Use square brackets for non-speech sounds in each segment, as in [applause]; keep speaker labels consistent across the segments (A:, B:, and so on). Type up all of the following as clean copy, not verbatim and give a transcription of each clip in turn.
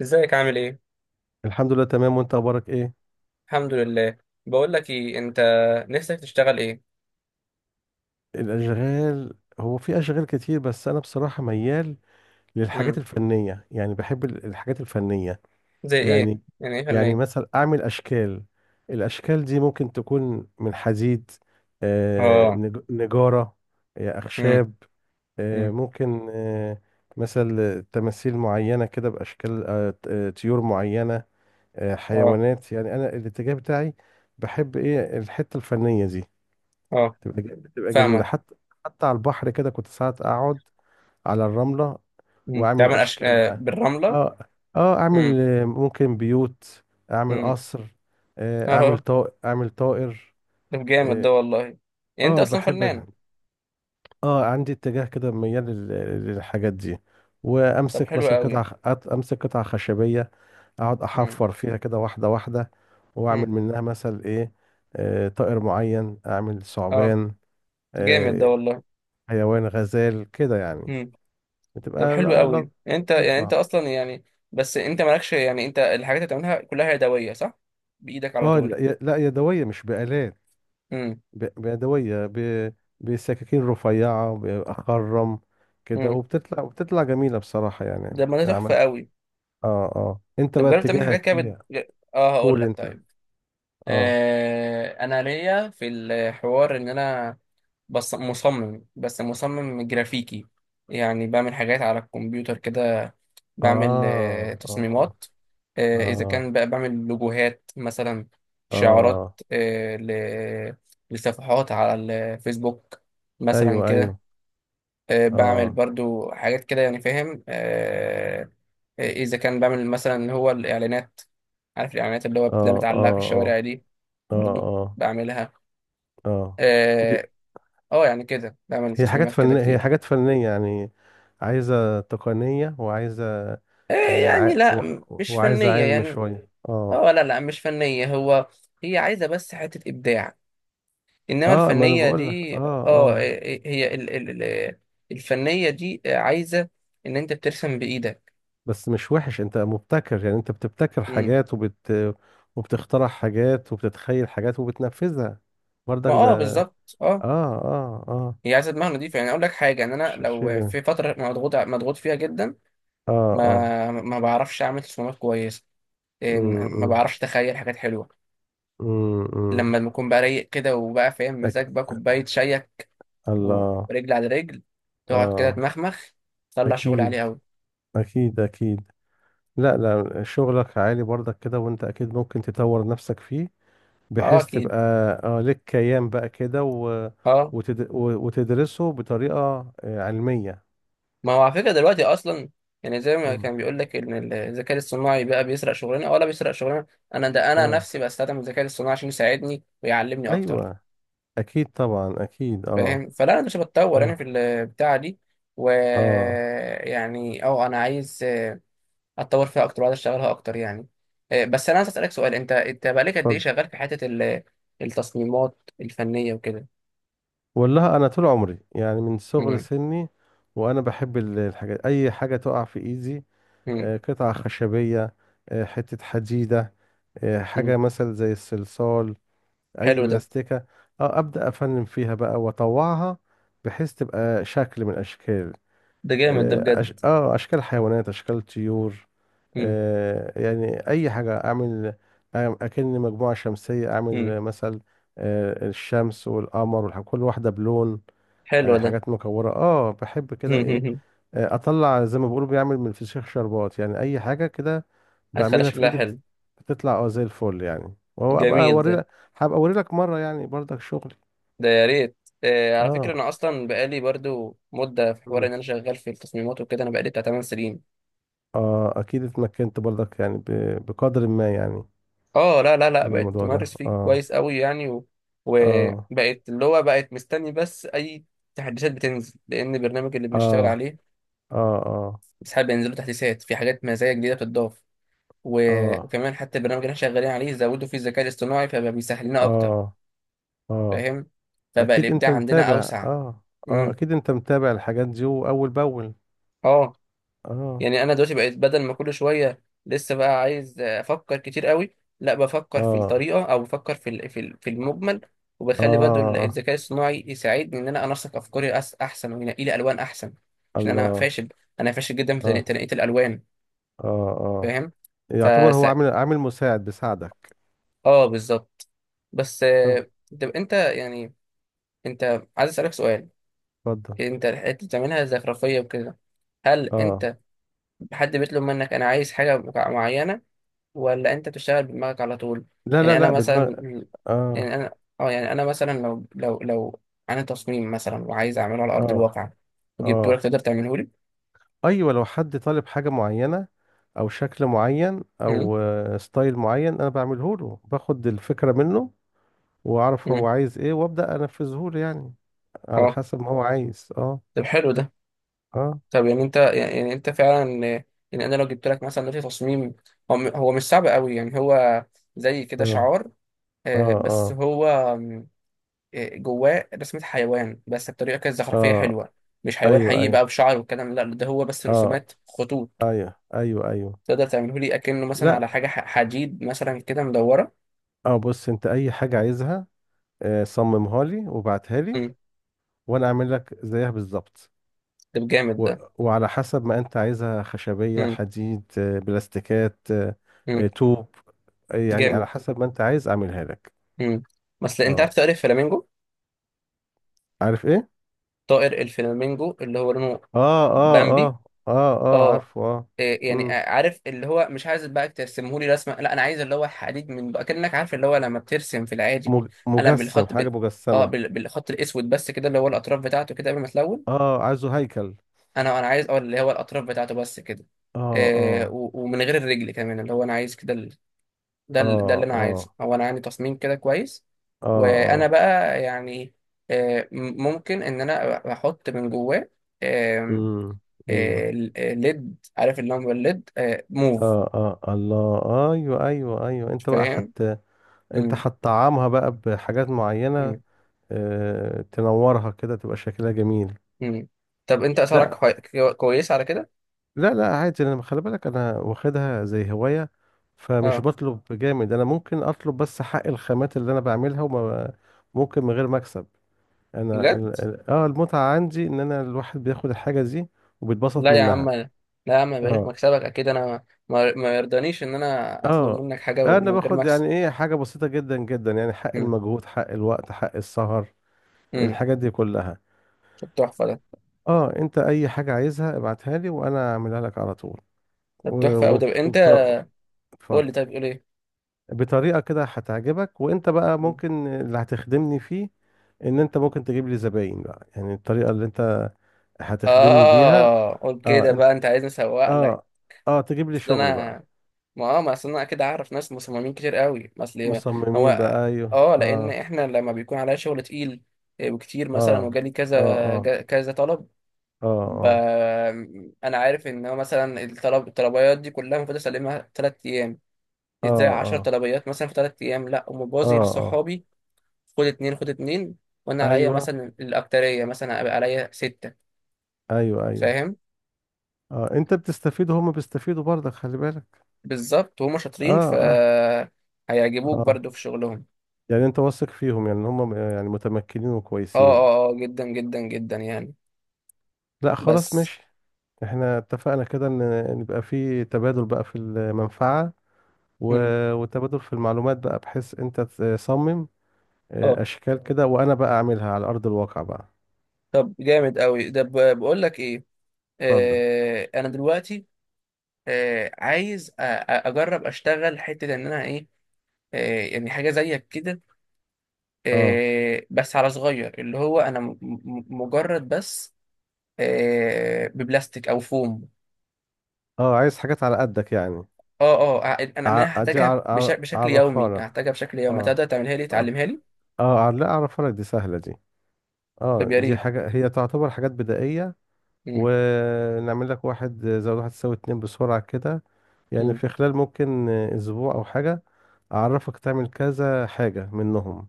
A: ازيك، عامل ايه؟
B: الحمد لله تمام، وانت اخبارك ايه؟
A: الحمد لله. بقول لك ايه انت، نفسك تشتغل ايه؟
B: الاشغال. هو في اشغال كتير بس انا بصراحه ميال للحاجات
A: امم
B: الفنيه، يعني بحب الحاجات الفنيه.
A: زي ايه؟
B: يعني.
A: يعني ايه
B: يعني
A: فني؟
B: مثلا اعمل اشكال، الاشكال دي ممكن تكون من حديد.
A: اه.
B: نجاره.
A: امم.
B: اخشاب.
A: امم.
B: ممكن مثلا تماثيل معينه كده باشكال طيور معينه.
A: اه
B: حيوانات، يعني انا الاتجاه بتاعي. بحب ايه الحته الفنيه دي،
A: اه.
B: بتبقى جميلة
A: فاهمك.
B: حتى. حتى على البحر كده كنت ساعات أقعد على الرملة وأعمل
A: تعمل أش...
B: أشكال
A: آه
B: بقى.
A: بالرملة.
B: اه، اه. أعمل
A: امم.
B: ممكن بيوت. أعمل
A: امم.
B: قصر. أعمل
A: اه.
B: طائر أعمل طائر.
A: طب، جامد
B: اه.
A: ده والله. يعني انت اصلا
B: بحب ال-.
A: فنان.
B: اه عندي اتجاه كده ميال للحاجات دي.
A: طب،
B: وأمسك
A: حلو
B: مثلا
A: قوي.
B: قطعة خ- أت- أمسك قطعة خشبية. أقعد
A: امم.
B: أحفر فيها كده واحدة واحدة.
A: امم.
B: وأعمل منها مثلا إيه. طائر معين أعمل
A: اه.
B: ثعبان.
A: جامد ده
B: آه،
A: والله.
B: حيوان غزال كده يعني.
A: امم. طب،
B: بتبقى
A: حلو قوي. انت
B: لطيفة
A: اصلا يعني، بس انت مالكش، يعني انت الحاجات اللي بتعملها كلها يدوية، صح؟ بايدك على
B: اه،
A: طول؟
B: لا، لا يدوية، مش بآلات.
A: امم.
B: بيدوية بسكاكين رفيعة بخرم كده،
A: امم.
B: وبتطلع جميلة بصراحة، يعني
A: ده ما ده تحفة
B: عمل.
A: قوي.
B: اه، اه، انت
A: لو
B: بقى
A: جربت تعمل حاجات
B: اتجاهك
A: كده بت...
B: ايه؟
A: اه هقول
B: قول
A: لك،
B: انت.
A: طيب.
B: اه،
A: انا ليا في الحوار ان انا مصمم، بس مصمم جرافيكي. يعني بعمل حاجات على الكمبيوتر كده، بعمل
B: اه، اه،
A: تصميمات. اذا
B: اه،
A: كان بقى بعمل لوجوهات مثلا، شعارات.
B: اه،
A: آه ل... لصفحات على الفيسبوك مثلا
B: ايوه،
A: كده.
B: ايوه،
A: بعمل
B: اه،
A: برضو حاجات كده، يعني فاهم. اذا كان بعمل مثلا اللي هو الاعلانات، عارف الاعلانات اللي هو بتبقى
B: اه،
A: متعلقه في
B: اه، اه،
A: الشوارع دي؟
B: اه،
A: برضو
B: اه،
A: بعملها.
B: اه.
A: اه. يعني كده بعمل
B: هي حاجات
A: تصميمات كده
B: فنية هي
A: كتير.
B: حاجات فنية، يعني عايزة تقنية، وعايزة
A: آه، يعني لا، مش
B: وعايزة
A: فنيه
B: علم
A: يعني.
B: شوية، اه.
A: اه، لا لا، مش فنيه. هو هي عايزه بس حته ابداع، انما
B: اه، ما انا
A: الفنيه
B: بقول لك،
A: دي
B: اه، اه.
A: هي الفنيه دي عايزه ان انت بترسم بايدك.
B: بس مش وحش، انت مبتكر يعني انت بتبتكر
A: مم.
B: حاجات وبت، وبتخترع حاجات وبتتخيل حاجات وبتنفذها
A: ما
B: برضك ده.
A: بالظبط، اه.
B: اه، اه، اه،
A: هي عايزه دماغ نضيفه، يعني اقول لك حاجه، ان انا
B: شيء
A: لو
B: جميل.
A: في فتره مضغوط مضغوط فيها جدا،
B: اه، اه،
A: ما بعرفش اعمل تصميمات كويسه. إيه، ما
B: امم،
A: بعرفش اتخيل حاجات حلوه.
B: امم.
A: لما بكون بقى رايق كده، وبقى فاهم
B: أك...
A: مزاج، بقى كوبايه شايك
B: الله.
A: ورجل على رجل، تقعد كده
B: اه،
A: تمخمخ، تطلع شغل عليه
B: اكيد،
A: قوي.
B: اكيد، اكيد. لا، لا، شغلك عالي برضك كده، وانت اكيد ممكن تطور نفسك فيه
A: اه،
B: بحيث تبقى
A: اكيد،
B: اه لك كيان بقى كده
A: اه.
B: وتدرسه بطريقة علمية.
A: ما هو على فكره دلوقتي اصلا، يعني زي ما
B: مم.
A: كان بيقول لك ان الذكاء الصناعي بقى بيسرق شغلنا ولا بيسرق شغلنا. انا
B: اه،
A: نفسي بستخدم الذكاء الصناعي عشان يساعدني ويعلمني اكتر.
B: ايوه، اكيد طبعا اكيد، اه.
A: فاهم؟ فلا، انا مش بتطور انا في
B: اه،
A: البتاعه دي،
B: اه،
A: ويعني انا عايز اتطور فيها اكتر، وعايز اشتغلها اكتر يعني. بس انا عايز اسالك سؤال. انت بقالك قد ايه
B: اتفضل.
A: شغال في حته التصميمات الفنيه وكده؟
B: والله انا طول عمري يعني من صغر
A: مم.
B: سني وانا بحب الحاجات، اي حاجة تقع في ايدي.
A: مم.
B: قطعة خشبية. حتة حديدة.
A: مم.
B: حاجة مثلا زي الصلصال. اي
A: حلو ده.
B: بلاستيكه. اه ابدا افنن فيها بقى واطوعها بحيث تبقى شكل من الاشكال.
A: ده جامد ده
B: اه،
A: بجد.
B: اشكال حيوانات اشكال طيور.
A: مم.
B: يعني اي حاجه اعمل. اكن مجموعه شمسيه،
A: مم.
B: اعمل مثل الشمس والقمر كل واحده بلون.
A: حلو ده.
B: حاجات مكوره، اه بحب كده، ايه.
A: [laughs]
B: اطلع زي ما بيقولوا بيعمل من الفسيخ شربات، يعني اي حاجه كده
A: هتخلي
B: بعملها في
A: شكلها
B: ايدي بت-،
A: حلو.
B: بتطلع اه زي الفل يعني، وهو ابقى
A: جميل
B: اوري
A: ده.
B: لك. هبقى اوري لك مره يعني برضك شغلي.
A: ده يا ريت. على فكره،
B: اه،
A: انا اصلا بقالي برضو مده في حوار
B: مم.
A: ان انا شغال في التصميمات وكده، انا بقالي بتاع 8 سنين.
B: اه، اكيد اتمكنت برضك، يعني بقدر ما يعني
A: اه، لا لا لا،
B: من
A: بقت
B: الموضوع ده،
A: متمرس فيه
B: اه.
A: كويس قوي يعني،
B: اه،
A: وبقت، اللي هو، بقت مستني بس اي تحديثات بتنزل، لان البرنامج اللي بنشتغل
B: اه،
A: عليه
B: اه، اه،
A: ساعات بينزلوا تحديثات، في حاجات مزايا جديده بتضاف و...
B: اه،
A: وكمان حتى البرنامج اللي احنا شغالين عليه زودوا فيه الذكاء الاصطناعي، فبقى بيسهل لنا اكتر.
B: اه، اه،
A: فاهم؟ فبقى
B: اكيد انت
A: الابداع عندنا
B: متابع،
A: اوسع.
B: اه. اه،
A: امم.
B: اكيد انت متابع الحاجات دي اول باول.
A: اه.
B: اه،
A: يعني انا دلوقتي بقيت، بدل ما كل شويه لسه بقى عايز افكر كتير قوي، لا بفكر في
B: اه،
A: الطريقه او بفكر في المجمل،
B: اه،
A: وبخلي برضه
B: آه.
A: الذكاء الصناعي يساعدني ان انا انسق افكاري احسن، وينقي لي الوان احسن. عشان انا
B: الله.
A: فاشل، انا فاشل جدا في
B: اه،
A: تنقيه الالوان.
B: اه، اه.
A: فاهم؟
B: يعتبر
A: فس...
B: هو عامل عامل مساعد بيساعدك.
A: اه، بالظبط. بس
B: طب
A: طب انت يعني، انت عايز اسالك سؤال.
B: اتفضل.
A: انت الحته بتعملها زخرفيه وكده، هل
B: اه،
A: انت حد بيطلب منك انا عايز حاجه معينه، ولا انت بتشتغل بدماغك على طول؟
B: لا، لا،
A: يعني انا
B: لا، بدماغ.
A: مثلا،
B: اه،
A: يعني انا، اه يعني انا مثلا لو انا تصميم مثلا وعايز اعمله على ارض
B: اه،
A: الواقع، وجبته
B: اه،
A: لك، تقدر تعمله لي؟
B: ايوه، لو حد طالب حاجه معينه او شكل معين
A: امم.
B: او ستايل معين، انا بعمله له، باخد الفكره منه واعرف هو
A: امم.
B: عايز ايه وابدا انفذه له يعني. على
A: اه.
B: حسب ما هو عايز، اه،
A: طب، حلو ده.
B: اه،
A: طب يعني انت، يعني انت فعلا، يعني انا لو جبت لك مثلا دلوقتي تصميم، هو مش صعب قوي يعني، هو زي كده
B: اه،
A: شعار،
B: اه،
A: بس
B: اه،
A: هو آم، آه، جواه رسمة حيوان، بس بطريقة كده زخرفية
B: اه،
A: حلوة. مش حيوان
B: ايوه،
A: حقيقي
B: ايوه،
A: بقى بشعر والكلام، لا ده هو بس
B: اه،
A: رسومات خطوط.
B: ايوه، ايوه، ايوه،
A: تقدر تعمله لي اكنه مثلا
B: لا.
A: على حاجه حديد مثلا كده مدوره؟
B: اه، بص، انت اي حاجه عايزها صممها لي وبعتها لي،
A: امم.
B: وانا اعمل لك زيها بالظبط.
A: ده جامد
B: و...
A: ده.
B: وعلى حسب ما انت عايزها، خشبية،
A: امم.
B: حديد، بلاستيكات،
A: امم.
B: طوب. يعني على
A: جامد.
B: حسب ما انت عايز اعملها لك.
A: امم. بس انت
B: اه،
A: عارف طائر الفلامينجو؟
B: عارف ايه.
A: طائر الفلامينجو اللي هو لونه
B: اه، اه،
A: بامبي.
B: اه، اه، اه،
A: اه.
B: عارفه، اه.
A: إيه يعني،
B: مم.
A: عارف، اللي هو مش عايز بقى ترسمه لي رسمه، لا، انا عايز اللي هو حديد من بقى، كانك عارف اللي هو لما بترسم في العادي قلم
B: مجسم،
A: بالخط
B: حاجة
A: اه
B: مجسمة.
A: بالخط الاسود بس كده، اللي هو الاطراف بتاعته كده قبل ما تلون.
B: اه، عايزه هيكل.
A: انا عايز اللي هو الاطراف بتاعته بس كده،
B: اه، اه،
A: ومن غير الرجل كمان، اللي هو انا عايز كده. ده اللي
B: اه،
A: انا عايزه.
B: اه،
A: هو انا عندي تصميم كده كويس،
B: اه،
A: وانا
B: اه،
A: بقى يعني ممكن ان انا احط من جواه آم،
B: امم، امم.
A: آه، ال- آه، ليد، عارف اللي هو الليد موف.
B: اه، اه، الله. ايوه، ايوه، ايوه، انت بقى
A: فاهم؟
B: حت، انت
A: مم.
B: هتطعمها بقى بحاجات معينة.
A: مم.
B: تنورها كده تبقى شكلها جميل.
A: مم. طب انت اسعارك
B: لا،
A: كويسه على كده؟
B: لا، لا، عادي، انا خلي بالك انا واخدها زي هواية، فمش
A: اه،
B: بطلب جامد، انا ممكن اطلب بس حق الخامات اللي انا بعملها وما ممكن من غير مكسب. انا
A: بجد؟
B: المتعة عندي ان انا الواحد بياخد الحاجة دي وبيتبسط
A: لا يا عم
B: منها.
A: لا. يا عم بقيت
B: اه،
A: مكسبك اكيد، انا ما يرضانيش ان انا اطلب
B: اه،
A: منك حاجه
B: انا
A: ومن غير
B: باخد يعني
A: مكسب.
B: ايه حاجة بسيطة جدا جدا، يعني حق
A: مم.
B: المجهود حق الوقت حق السهر،
A: مم.
B: الحاجات دي كلها.
A: طب، تحفه ده.
B: اه، انت اي حاجة عايزها ابعتها لي وانا اعملها لك على طول. و-
A: طب تحفه، او ده
B: وبت...
A: انت
B: وبت...
A: قول
B: اتفضل.
A: لي طيب، قول ايه.
B: بطريقة كده هتعجبك، وانت بقى ممكن اللي هتخدمني فيه ان انت ممكن تجيب لي زباين بقى، يعني الطريقة اللي انت هتخدمني بيها.
A: اه، قول
B: اه،
A: كده
B: انت،
A: بقى، انت عايزني اسوق لك؟
B: اه، اه، تجيب لي
A: اصل
B: شغل
A: انا،
B: بقى.
A: ما ما اصل انا اكيد اعرف ناس مصممين كتير قوي، ما اصل هو،
B: مصممين بقى، ايوه،
A: اه، لان
B: اه.
A: احنا لما بيكون عليا شغل تقيل وكتير
B: اه،
A: مثلا، وجالي
B: اه،
A: كذا
B: اه،
A: كذا طلب. ب...
B: اه،
A: انا عارف ان هو مثلا الطلبيات دي كلها المفروض اسلمها 3 ايام.
B: اه،
A: ازاي
B: اه،
A: 10
B: اه،
A: طلبيات مثلا في 3 ايام؟ لا،
B: اه،
A: ومبازي
B: اه،
A: لصحابي. خد اتنين، خد اتنين. وانا عليا
B: ايوه،
A: مثلا الاكتريه، مثلا هيبقى عليا سته.
B: ايوه، ايوه.
A: فاهم؟
B: اه، انت بتستفيد وهم بيستفيدوا برضك، خلي بالك.
A: بالظبط، وهم شاطرين، ف
B: اه، اه،
A: هيعجبوك
B: اه،
A: برضو في شغلهم.
B: يعني انت واثق فيهم، يعني هم يعني متمكنين
A: اه
B: وكويسين.
A: اه اه، جدا جدا جدا يعني.
B: لا، خلاص،
A: بس
B: ماشي. احنا اتفقنا كده ان نبقى في تبادل بقى في المنفعة و...
A: مم.
B: وتبادل في المعلومات بقى، بحيث انت تصمم
A: اه.
B: اشكال كده وانا بقى اعملها على ارض الواقع بقى.
A: طب جامد قوي ده. بقول لك ايه،
B: اتفضل.
A: انا دلوقتي عايز اجرب اشتغل حته ان انا ايه، يعني حاجه زيك كده،
B: اه،
A: بس على صغير، اللي هو انا مجرد بس ببلاستيك او فوم.
B: اه، عايز حاجات على قدك يعني.
A: اه اه، انا انا
B: أجي
A: هحتاجها بشكل
B: اعرفها
A: يومي،
B: لك.
A: هحتاجها بشكل يومي،
B: اه،
A: هتقدر تعملها لي،
B: اه،
A: تعلمها لي؟
B: اه، لا اعرفها لك، دي سهلة دي. اه،
A: طب يا
B: دي
A: ريت.
B: حاجة هي تعتبر حاجات بدائية.
A: مم.
B: ونعمل لك واحد زائد واحد يساوي اتنين بسرعة كده، يعني
A: مم.
B: في خلال ممكن اسبوع او حاجة اعرفك تعمل كذا حاجة منهم،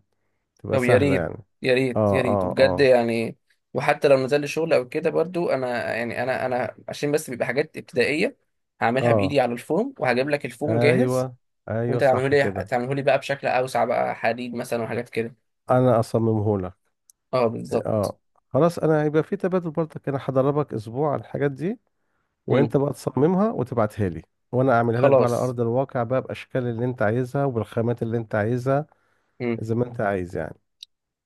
B: تبقى
A: طب يا
B: سهلة
A: ريت،
B: يعني.
A: يا ريت، يا
B: اه،
A: ريت،
B: اه،
A: بجد
B: اه،
A: يعني. وحتى لو نزل لي شغل او كده، برضو انا يعني انا عشان بس بيبقى حاجات ابتدائيه، هعملها
B: اه،
A: بايدي على الفوم، وهجيب لك الفوم جاهز.
B: ايوه، ايوه،
A: وانت تعمله
B: صح
A: لي
B: كده.
A: تعمله لي بقى بشكل اوسع، بقى حديد مثلا وحاجات كده.
B: انا اصممه لك.
A: اه، بالظبط.
B: اه، خلاص، انا هيبقى في تبادل برضك، انا هدربك اسبوع على الحاجات دي،
A: مم.
B: وانت بقى تصممها وتبعتها لي، وانا اعملها لك بقى على
A: خلاص.
B: ارض الواقع بقى باشكال اللي انت عايزها وبالخامات اللي انت عايزها،
A: مم.
B: زي ما انت عايز يعني.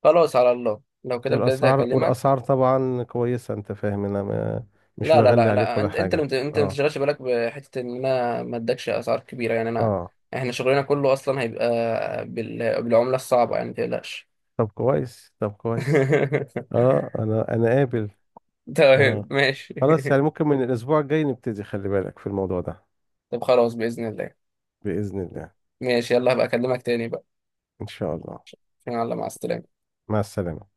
A: خلاص، على الله، لو كده بجد
B: والاسعار
A: هكلمك.
B: والاسعار طبعا كويسة، انت فاهم، انا ما-، مش
A: لا لا
B: بغلي
A: لا
B: عليك
A: لا،
B: ولا
A: انت اللي
B: حاجة،
A: انت ما
B: اه.
A: تشغلش بالك بحته ان انا ما ادكش اسعار كبيره، يعني انا
B: اه،
A: احنا شغلنا كله اصلا هيبقى بالعمله الصعبه، يعني ما تقلقش.
B: طب كويس، طب كويس. اه،
A: [laughs]
B: انا قابل.
A: تمام،
B: اه،
A: ماشي.
B: خلاص،
A: [laughs]
B: يعني ممكن من الاسبوع الجاي نبتدي، خلي بالك في الموضوع ده.
A: طب خلاص، باذن الله.
B: بإذن الله.
A: ماشي، يلا هبقى اكلمك تاني بقى.
B: ان شاء الله.
A: يلا، مع السلامه.
B: مع السلامة.